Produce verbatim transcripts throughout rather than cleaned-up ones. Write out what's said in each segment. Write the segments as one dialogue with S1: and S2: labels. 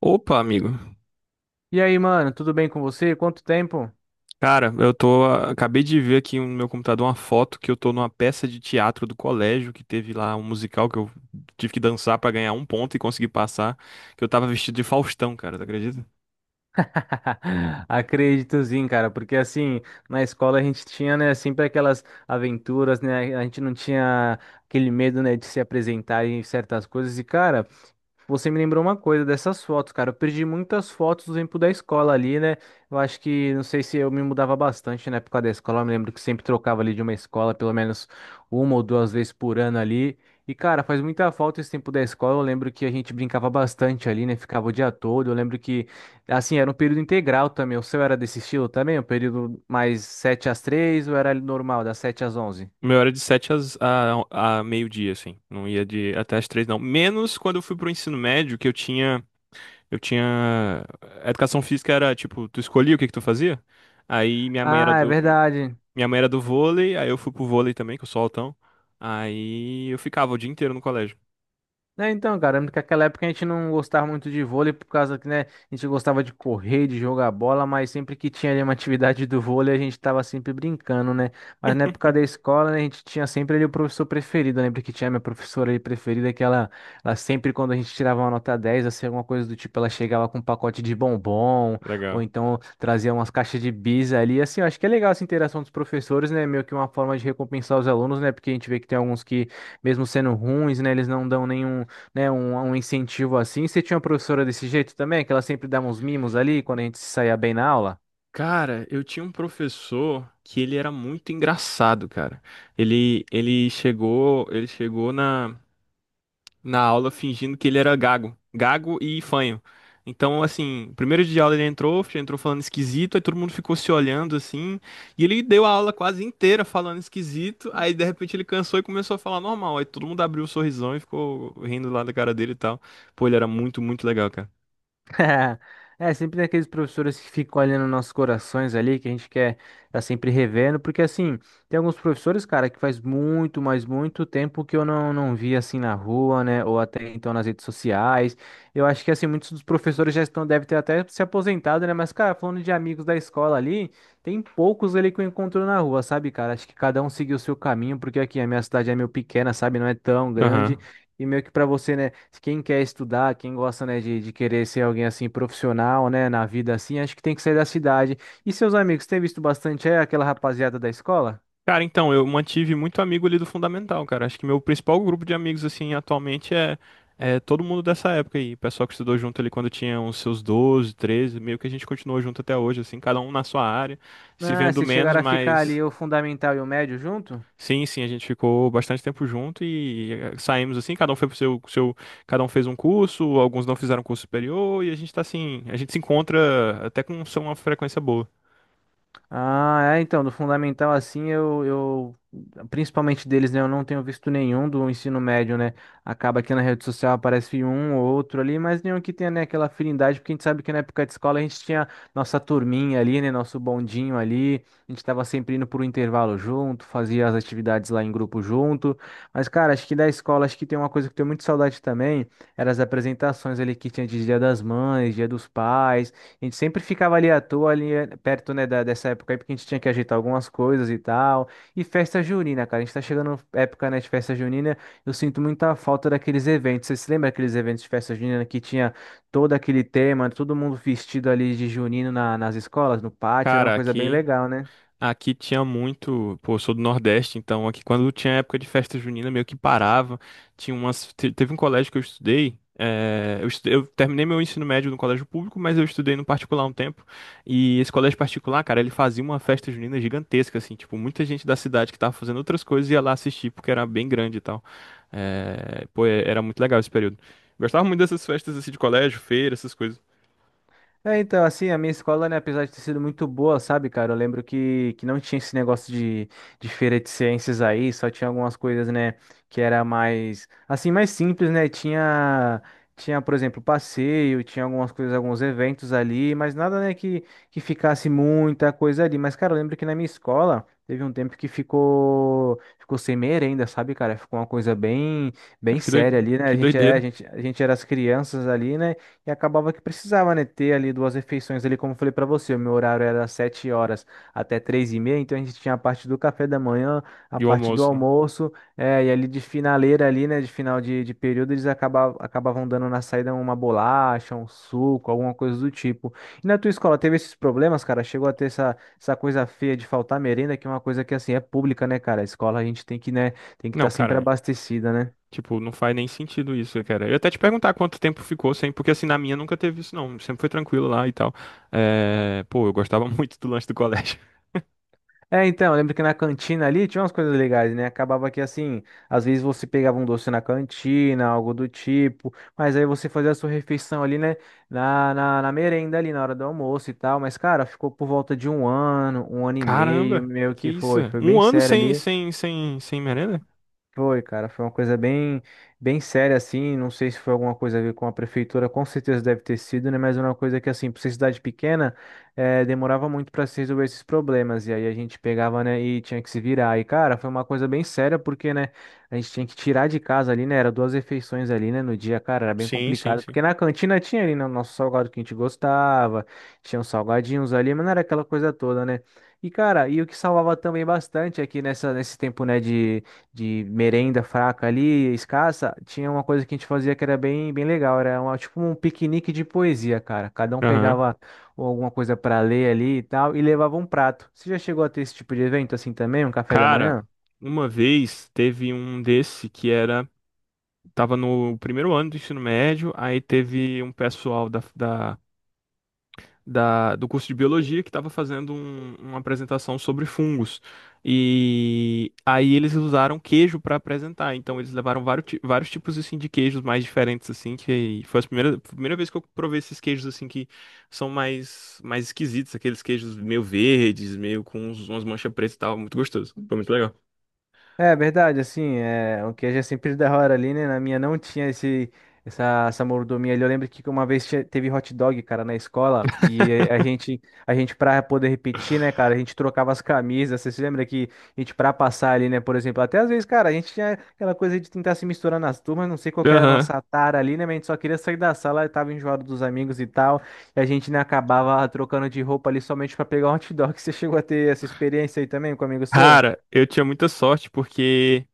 S1: Opa, amigo.
S2: E aí, mano, tudo bem com você? Quanto tempo?
S1: Cara, eu tô. Acabei de ver aqui no meu computador uma foto que eu tô numa peça de teatro do colégio que teve lá um musical que eu tive que dançar pra ganhar um ponto e conseguir passar. Que eu tava vestido de Faustão, cara, tu acredita?
S2: Acredito sim, cara, porque assim, na escola a gente tinha, né, sempre aquelas aventuras, né? A gente não tinha aquele medo, né, de se apresentar em certas coisas. E, cara, você me lembrou uma coisa dessas fotos, cara. Eu perdi muitas fotos do tempo da escola ali, né? Eu acho que, não sei se eu me mudava bastante na época da escola. Eu me lembro que sempre trocava ali de uma escola, pelo menos uma ou duas vezes por ano ali. E, cara, faz muita falta esse tempo da escola. Eu lembro que a gente brincava bastante ali, né? Ficava o dia todo. Eu lembro que, assim, era um período integral também. O seu era desse estilo também? Um período mais sete às três ou era normal, das sete às onze?
S1: O meu era de sete às, a, a meio-dia, assim. Não ia de até às três, não. Menos quando eu fui pro ensino médio, que eu tinha. Eu tinha. A educação física era tipo, tu escolhia o que que tu fazia? Aí minha mãe era.
S2: Ah, é verdade.
S1: Minha mãe era do vôlei, aí eu fui pro vôlei também, que eu sou altão. Aí eu ficava o dia inteiro no colégio.
S2: Né, então, cara, lembro que naquela época a gente não gostava muito de vôlei por causa que, né, a gente gostava de correr, de jogar bola, mas sempre que tinha ali uma atividade do vôlei, a gente tava sempre brincando, né? Mas na época da escola, né, a gente tinha sempre ali o professor preferido. Eu lembro que tinha minha professora ali preferida, que ela, ela sempre, quando a gente tirava uma nota dez, assim, alguma coisa do tipo, ela chegava com um pacote de bombom, ou
S1: Legal.
S2: então trazia umas caixas de bis ali. Assim, eu acho que é legal essa interação dos professores, né? Meio que uma forma de recompensar os alunos, né? Porque a gente vê que tem alguns que mesmo sendo ruins, né, eles não dão nenhum né, um, um incentivo assim. Você tinha uma professora desse jeito também, que ela sempre dava uns mimos ali quando a gente se saía bem na aula?
S1: Cara, eu tinha um professor que ele era muito engraçado, cara. Ele, ele chegou, ele chegou na na aula fingindo que ele era gago. Gago e fanho. Então, assim, primeiro dia de aula ele entrou, entrou falando esquisito, aí todo mundo ficou se olhando assim, e ele deu a aula quase inteira falando esquisito, aí de repente ele cansou e começou a falar normal, aí todo mundo abriu o sorrisão e ficou rindo lá da cara dele e tal. Pô, ele era muito, muito legal, cara.
S2: É, sempre tem aqueles professores que ficam olhando nossos corações ali, que a gente quer tá sempre revendo, porque assim, tem alguns professores, cara, que faz muito, mas muito tempo que eu não, não vi assim na rua, né, ou até então nas redes sociais. Eu acho que assim, muitos dos professores já estão, devem ter até se aposentado, né, mas cara, falando de amigos da escola ali, tem poucos ali que eu encontro na rua, sabe, cara? Acho que cada um seguiu o seu caminho, porque aqui a minha cidade é meio pequena, sabe, não é tão grande.
S1: Aham.
S2: E meio que para você, né, se quem quer estudar, quem gosta, né, de, de querer ser alguém assim profissional, né, na vida assim, acho que tem que sair da cidade. E seus amigos, tem visto bastante é, aquela rapaziada da escola?
S1: Cara, então, eu mantive muito amigo ali do Fundamental, cara. Acho que meu principal grupo de amigos, assim, atualmente é, é todo mundo dessa época aí. Pessoal que estudou junto ali quando tinha uns seus doze, treze, meio que a gente continuou junto até hoje, assim, cada um na sua área, se
S2: Ah,
S1: vendo
S2: vocês
S1: menos,
S2: chegaram a ficar
S1: mas
S2: ali o fundamental e o médio junto?
S1: sim, sim, a gente ficou bastante tempo junto e eh, saímos assim, cada um foi pro seu, seu, cada um fez um curso, alguns não fizeram curso superior e a gente tá assim, a gente se encontra até com uma frequência boa.
S2: Ah, é, então, do fundamental assim, eu, eu, principalmente deles, né, eu não tenho visto nenhum do ensino médio, né, acaba que na rede social aparece um ou outro ali, mas nenhum que tenha, né, aquela afinidade, porque a gente sabe que na época de escola a gente tinha nossa turminha ali, né, nosso bondinho ali, a gente tava sempre indo por um intervalo junto, fazia as atividades lá em grupo junto, mas, cara, acho que da escola, acho que tem uma coisa que eu tenho muito saudade também, eram as apresentações ali que tinha de Dia das Mães, Dia dos Pais, a gente sempre ficava ali à toa, ali eh, perto, né, da, dessa época aí, porque a gente tinha que ajeitar algumas coisas e tal. E festa junina, cara. A gente tá chegando época, né, de festa junina. Eu sinto muita falta daqueles eventos. Você se lembra daqueles eventos de festa junina que tinha todo aquele tema, todo mundo vestido ali de junino na- nas escolas, no pátio? Era uma
S1: Cara,
S2: coisa bem
S1: aqui.
S2: legal, né?
S1: Aqui tinha muito, pô, eu sou do Nordeste, então aqui quando tinha época de festa junina meio que parava, tinha umas, te- teve um colégio que eu estudei, eh, eu, estu- eu terminei meu ensino médio no colégio público, mas eu estudei no particular um tempo, e esse colégio particular, cara, ele fazia uma festa junina gigantesca, assim, tipo, muita gente da cidade que tava fazendo outras coisas ia lá assistir, porque era bem grande e tal. Eh, pô, é- era muito legal esse período. Gostava muito dessas festas, assim, de colégio, feira, essas coisas.
S2: É, então, assim, a minha escola, né, apesar de ter sido muito boa, sabe, cara, eu lembro que, que não tinha esse negócio de, de feira de ciências aí, só tinha algumas coisas, né, que era mais, assim, mais simples, né, tinha, tinha, por exemplo, passeio, tinha algumas coisas, alguns eventos ali, mas nada, né, que, que ficasse muita coisa ali, mas, cara, eu lembro que na minha escola teve um tempo que ficou, ficou sem merenda, sabe, cara, ficou uma coisa bem, bem
S1: Cara, Que doi-
S2: séria ali, né, a
S1: que
S2: gente, é, a
S1: doideira.
S2: gente, a gente era as crianças ali, né, e acabava que precisava, né, ter ali duas refeições ali, como eu falei pra você, o meu horário era das sete horas até três e meia, então a gente tinha a parte do café da manhã, a
S1: E o
S2: parte do
S1: almoço, né?
S2: almoço, é, e ali de finaleira ali, né, de final de, de período, eles acabavam, acabavam dando na saída uma bolacha, um suco, alguma coisa do tipo. E na tua escola teve esses problemas, cara? Chegou a ter essa, essa coisa feia de faltar merenda, que é uma coisa que, assim, é pública, né, cara? A escola a gente tem que, né, tem que
S1: Não,
S2: estar sempre
S1: cara.
S2: abastecida, né?
S1: Tipo, não faz nem sentido isso, cara. Eu ia até te perguntar quanto tempo ficou sem, porque assim, na minha nunca teve isso, não. Sempre foi tranquilo lá e tal. É, pô, eu gostava muito do lanche do colégio.
S2: É, então, eu lembro que na cantina ali tinha umas coisas legais, né? Acabava que assim, às vezes você pegava um doce na cantina, algo do tipo, mas aí você fazia a sua refeição ali, né? Na, na, na merenda ali, na hora do almoço e tal. Mas, cara, ficou por volta de um ano, um ano e meio,
S1: Caramba,
S2: meio
S1: que
S2: que
S1: isso?
S2: foi, foi
S1: Um
S2: bem
S1: ano
S2: sério
S1: sem, sem, sem, sem merenda?
S2: foi, cara, foi uma coisa bem, bem séria, assim, não sei se foi alguma coisa a ver com a prefeitura, com certeza deve ter sido, né, mas é uma coisa que, assim, pra ser cidade pequena, eh, demorava muito para se resolver esses problemas, e aí a gente pegava, né, e tinha que se virar, e, cara, foi uma coisa bem séria, porque, né, a gente tinha que tirar de casa ali, né, era duas refeições ali, né, no dia, cara, era bem
S1: Sim, sim,
S2: complicado,
S1: sim.
S2: porque na cantina tinha ali, né, o nosso salgado que a gente gostava, tinha uns salgadinhos ali, mas não era aquela coisa toda, né, e, cara, e o que salvava também bastante aqui nessa, nesse tempo, né, de de merenda fraca ali, escassa, tinha uma coisa que a gente fazia que era bem, bem legal. Era uma, tipo um piquenique de poesia, cara. Cada um
S1: Aham.
S2: pegava alguma coisa para ler ali e tal e levava um prato. Você já chegou a ter esse tipo de evento assim também, um café da
S1: Cara,
S2: manhã?
S1: uma vez teve um desse que era. Tava no primeiro ano do ensino médio, aí teve um pessoal da, da da- do curso de biologia que estava fazendo um- uma apresentação sobre fungos. E aí eles usaram queijo para apresentar. Então eles levaram vários, ti- vários tipos assim de queijos mais diferentes assim, que foi a primeira, primeira vez que eu provei esses queijos assim que são mais mais esquisitos, aqueles queijos meio verdes, meio com uns- umas manchas pretas e tal, muito gostoso. Foi muito legal.
S2: É verdade, assim, é, o queijo é sempre da hora ali, né? Na minha não tinha esse, essa, essa mordomia ali. Eu lembro que uma vez tinha- teve hot dog, cara, na escola, e a gente, a gente pra poder repetir, né, cara, a gente trocava as camisas. Você se lembra que a gente pra passar ali, né, por exemplo, até às vezes, cara, a gente tinha aquela coisa de tentar se misturar nas turmas, não sei qual que era a
S1: Aham.
S2: nossa tara ali, né, mas a gente só queria sair da sala, tava enjoado dos amigos e tal, e a gente, né, acabava trocando de roupa ali somente pra pegar um hot dog. Você chegou a ter essa experiência aí também com um amigo seu?
S1: Cara, eu tinha muita sorte porque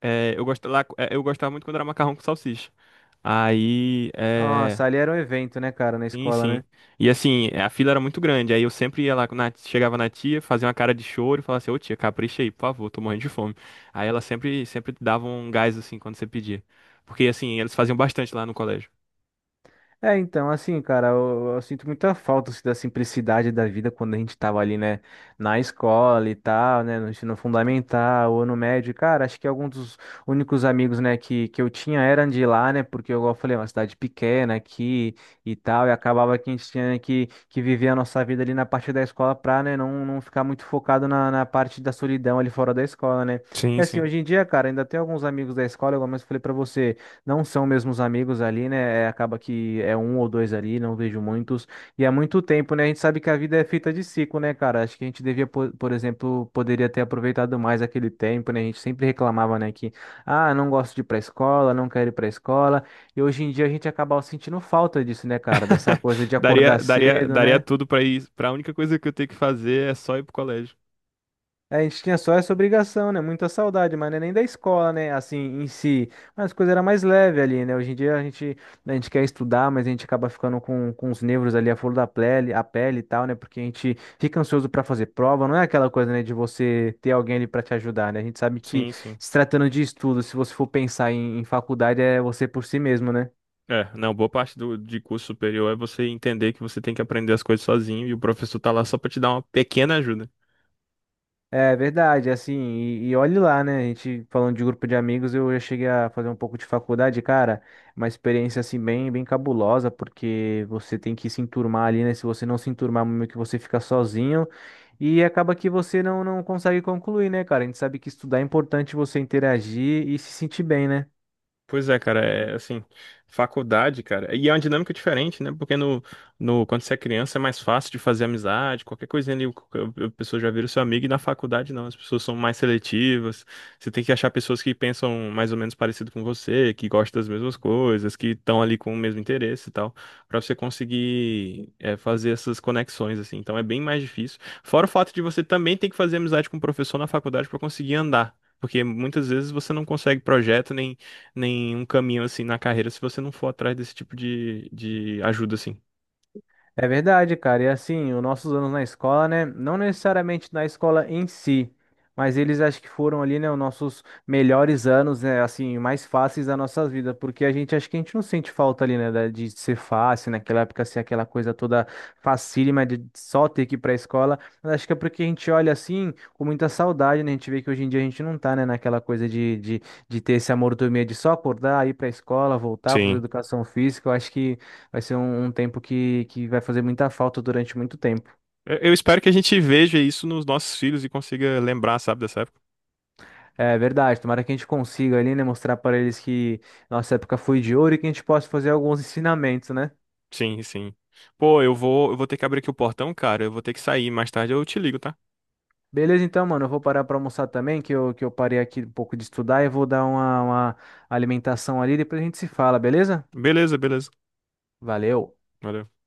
S1: é, eu gostava lá, é, eu gostava muito quando era macarrão com salsicha. Aí, é,
S2: Nossa, ali era um evento, né, cara, na
S1: Sim,
S2: escola, né?
S1: sim. E assim, a fila era muito grande. Aí eu sempre ia lá, na- chegava na tia, fazia uma cara de choro e falava assim, ô tia, capricha aí, por favor, tô morrendo de fome. Aí ela sempre, sempre dava um gás assim quando você pedia. Porque assim, eles faziam bastante lá no colégio.
S2: É, então, assim, cara, eu, eu sinto muita falta assim, da simplicidade da vida quando a gente tava ali, né, na escola e tal, né, no ensino fundamental ou no médio. Cara, acho que alguns dos únicos amigos, né, que, que eu tinha eram de lá, né, porque, igual eu falei, é uma cidade pequena aqui e tal, e acabava que a gente tinha que, que viver a nossa vida ali na parte da escola pra, né, não, não ficar muito focado na, na parte da solidão ali fora da escola, né? E
S1: Sim,
S2: assim,
S1: sim.
S2: hoje em dia, cara, ainda tem alguns amigos da escola, igual eu falei pra você. Não são mesmo os amigos ali, né? É, acaba que é um ou dois ali, não vejo muitos. E há muito tempo, né? A gente sabe que a vida é feita de ciclo, né, cara? Acho que a gente devia, po- por, exemplo, poderia ter aproveitado mais aquele tempo, né? A gente sempre reclamava, né, que, ah, não gosto de ir pra escola, não quero ir pra escola. E hoje em dia a gente acaba sentindo falta disso, né, cara? Dessa coisa de
S1: Daria,
S2: acordar
S1: daria,
S2: cedo,
S1: daria
S2: né?
S1: tudo pra ir. Pra única coisa que eu tenho que fazer é só ir pro colégio.
S2: É, a gente tinha só essa obrigação, né? Muita saudade, mas não é nem da escola, né? Assim, em si. Mas a coisa era mais leve ali, né? Hoje em dia a gente, a gente quer estudar, mas a gente acaba ficando com, com os nervos ali, a flor da pele, a pele e tal, né? Porque a gente fica ansioso pra fazer prova. Não é aquela coisa, né, de você ter alguém ali pra te ajudar, né? A gente sabe que
S1: Sim, sim.
S2: se tratando de estudo, se você for pensar em, em faculdade, é você por si mesmo, né?
S1: É, não, boa parte do, de curso superior é você entender que você tem que aprender as coisas sozinho e o professor tá lá só pra te dar uma pequena ajuda.
S2: É verdade, assim, e, e olhe lá, né? A gente falando de grupo de amigos, eu já cheguei a fazer um pouco de faculdade, cara, uma experiência assim bem, bem cabulosa, porque você tem que se enturmar ali, né? Se você não se enturmar, meio que você fica sozinho e acaba que você não, não consegue concluir, né, cara? A gente sabe que estudar é importante você interagir e se sentir bem, né?
S1: Pois é, cara, é assim, faculdade, cara, e é uma dinâmica diferente, né? Porque no, no, quando você é criança é mais fácil de fazer amizade, qualquer coisinha ali, a pessoa já vira seu amigo, e na faculdade não, as pessoas são mais seletivas, você tem que achar pessoas que pensam mais ou menos parecido com você, que gostam das mesmas coisas, que estão ali com o mesmo interesse e tal, pra você conseguir é, fazer essas conexões, assim, então é bem mais difícil. Fora o fato de você também ter que fazer amizade com o professor na faculdade pra conseguir andar. Porque muitas vezes você não consegue projeto nem nenhum caminho assim na carreira se você não for atrás desse tipo de, de ajuda assim.
S2: É verdade, cara. E assim, os nossos anos na escola, né? Não necessariamente na escola em si, mas eles acho que foram ali, né, os nossos melhores anos, né? Assim, mais fáceis da nossa vida, porque a gente acho que a gente não sente falta ali, né, da- de ser fácil, naquela época ser aquela coisa toda facílima de só ter que ir pra escola. Mas acho que é porque a gente olha assim com muita saudade, né? A gente vê que hoje em dia a gente não tá, né, naquela coisa de, de, de ter esse amor dormir, de só acordar, ir pra escola, voltar, fazer
S1: Sim.
S2: educação física. Eu acho que. Vai ser um, um tempo que, que vai fazer muita falta durante muito tempo.
S1: Eu eu espero que a gente veja isso nos nossos filhos e consiga lembrar, sabe, dessa época.
S2: É verdade, tomara que a gente consiga ali, né, mostrar para eles que nossa época foi de ouro e que a gente possa fazer alguns ensinamentos, né?
S1: Sim, sim. Pô, eu vou, eu vou ter que abrir aqui o portão, cara. Eu vou ter que sair. Mais tarde eu te ligo, tá?
S2: Beleza, então, mano, eu vou parar para almoçar também, que eu, que eu parei aqui um pouco de estudar e vou dar uma, uma alimentação ali, depois a gente se fala, beleza?
S1: Beleza, beleza.
S2: Valeu!
S1: Valeu.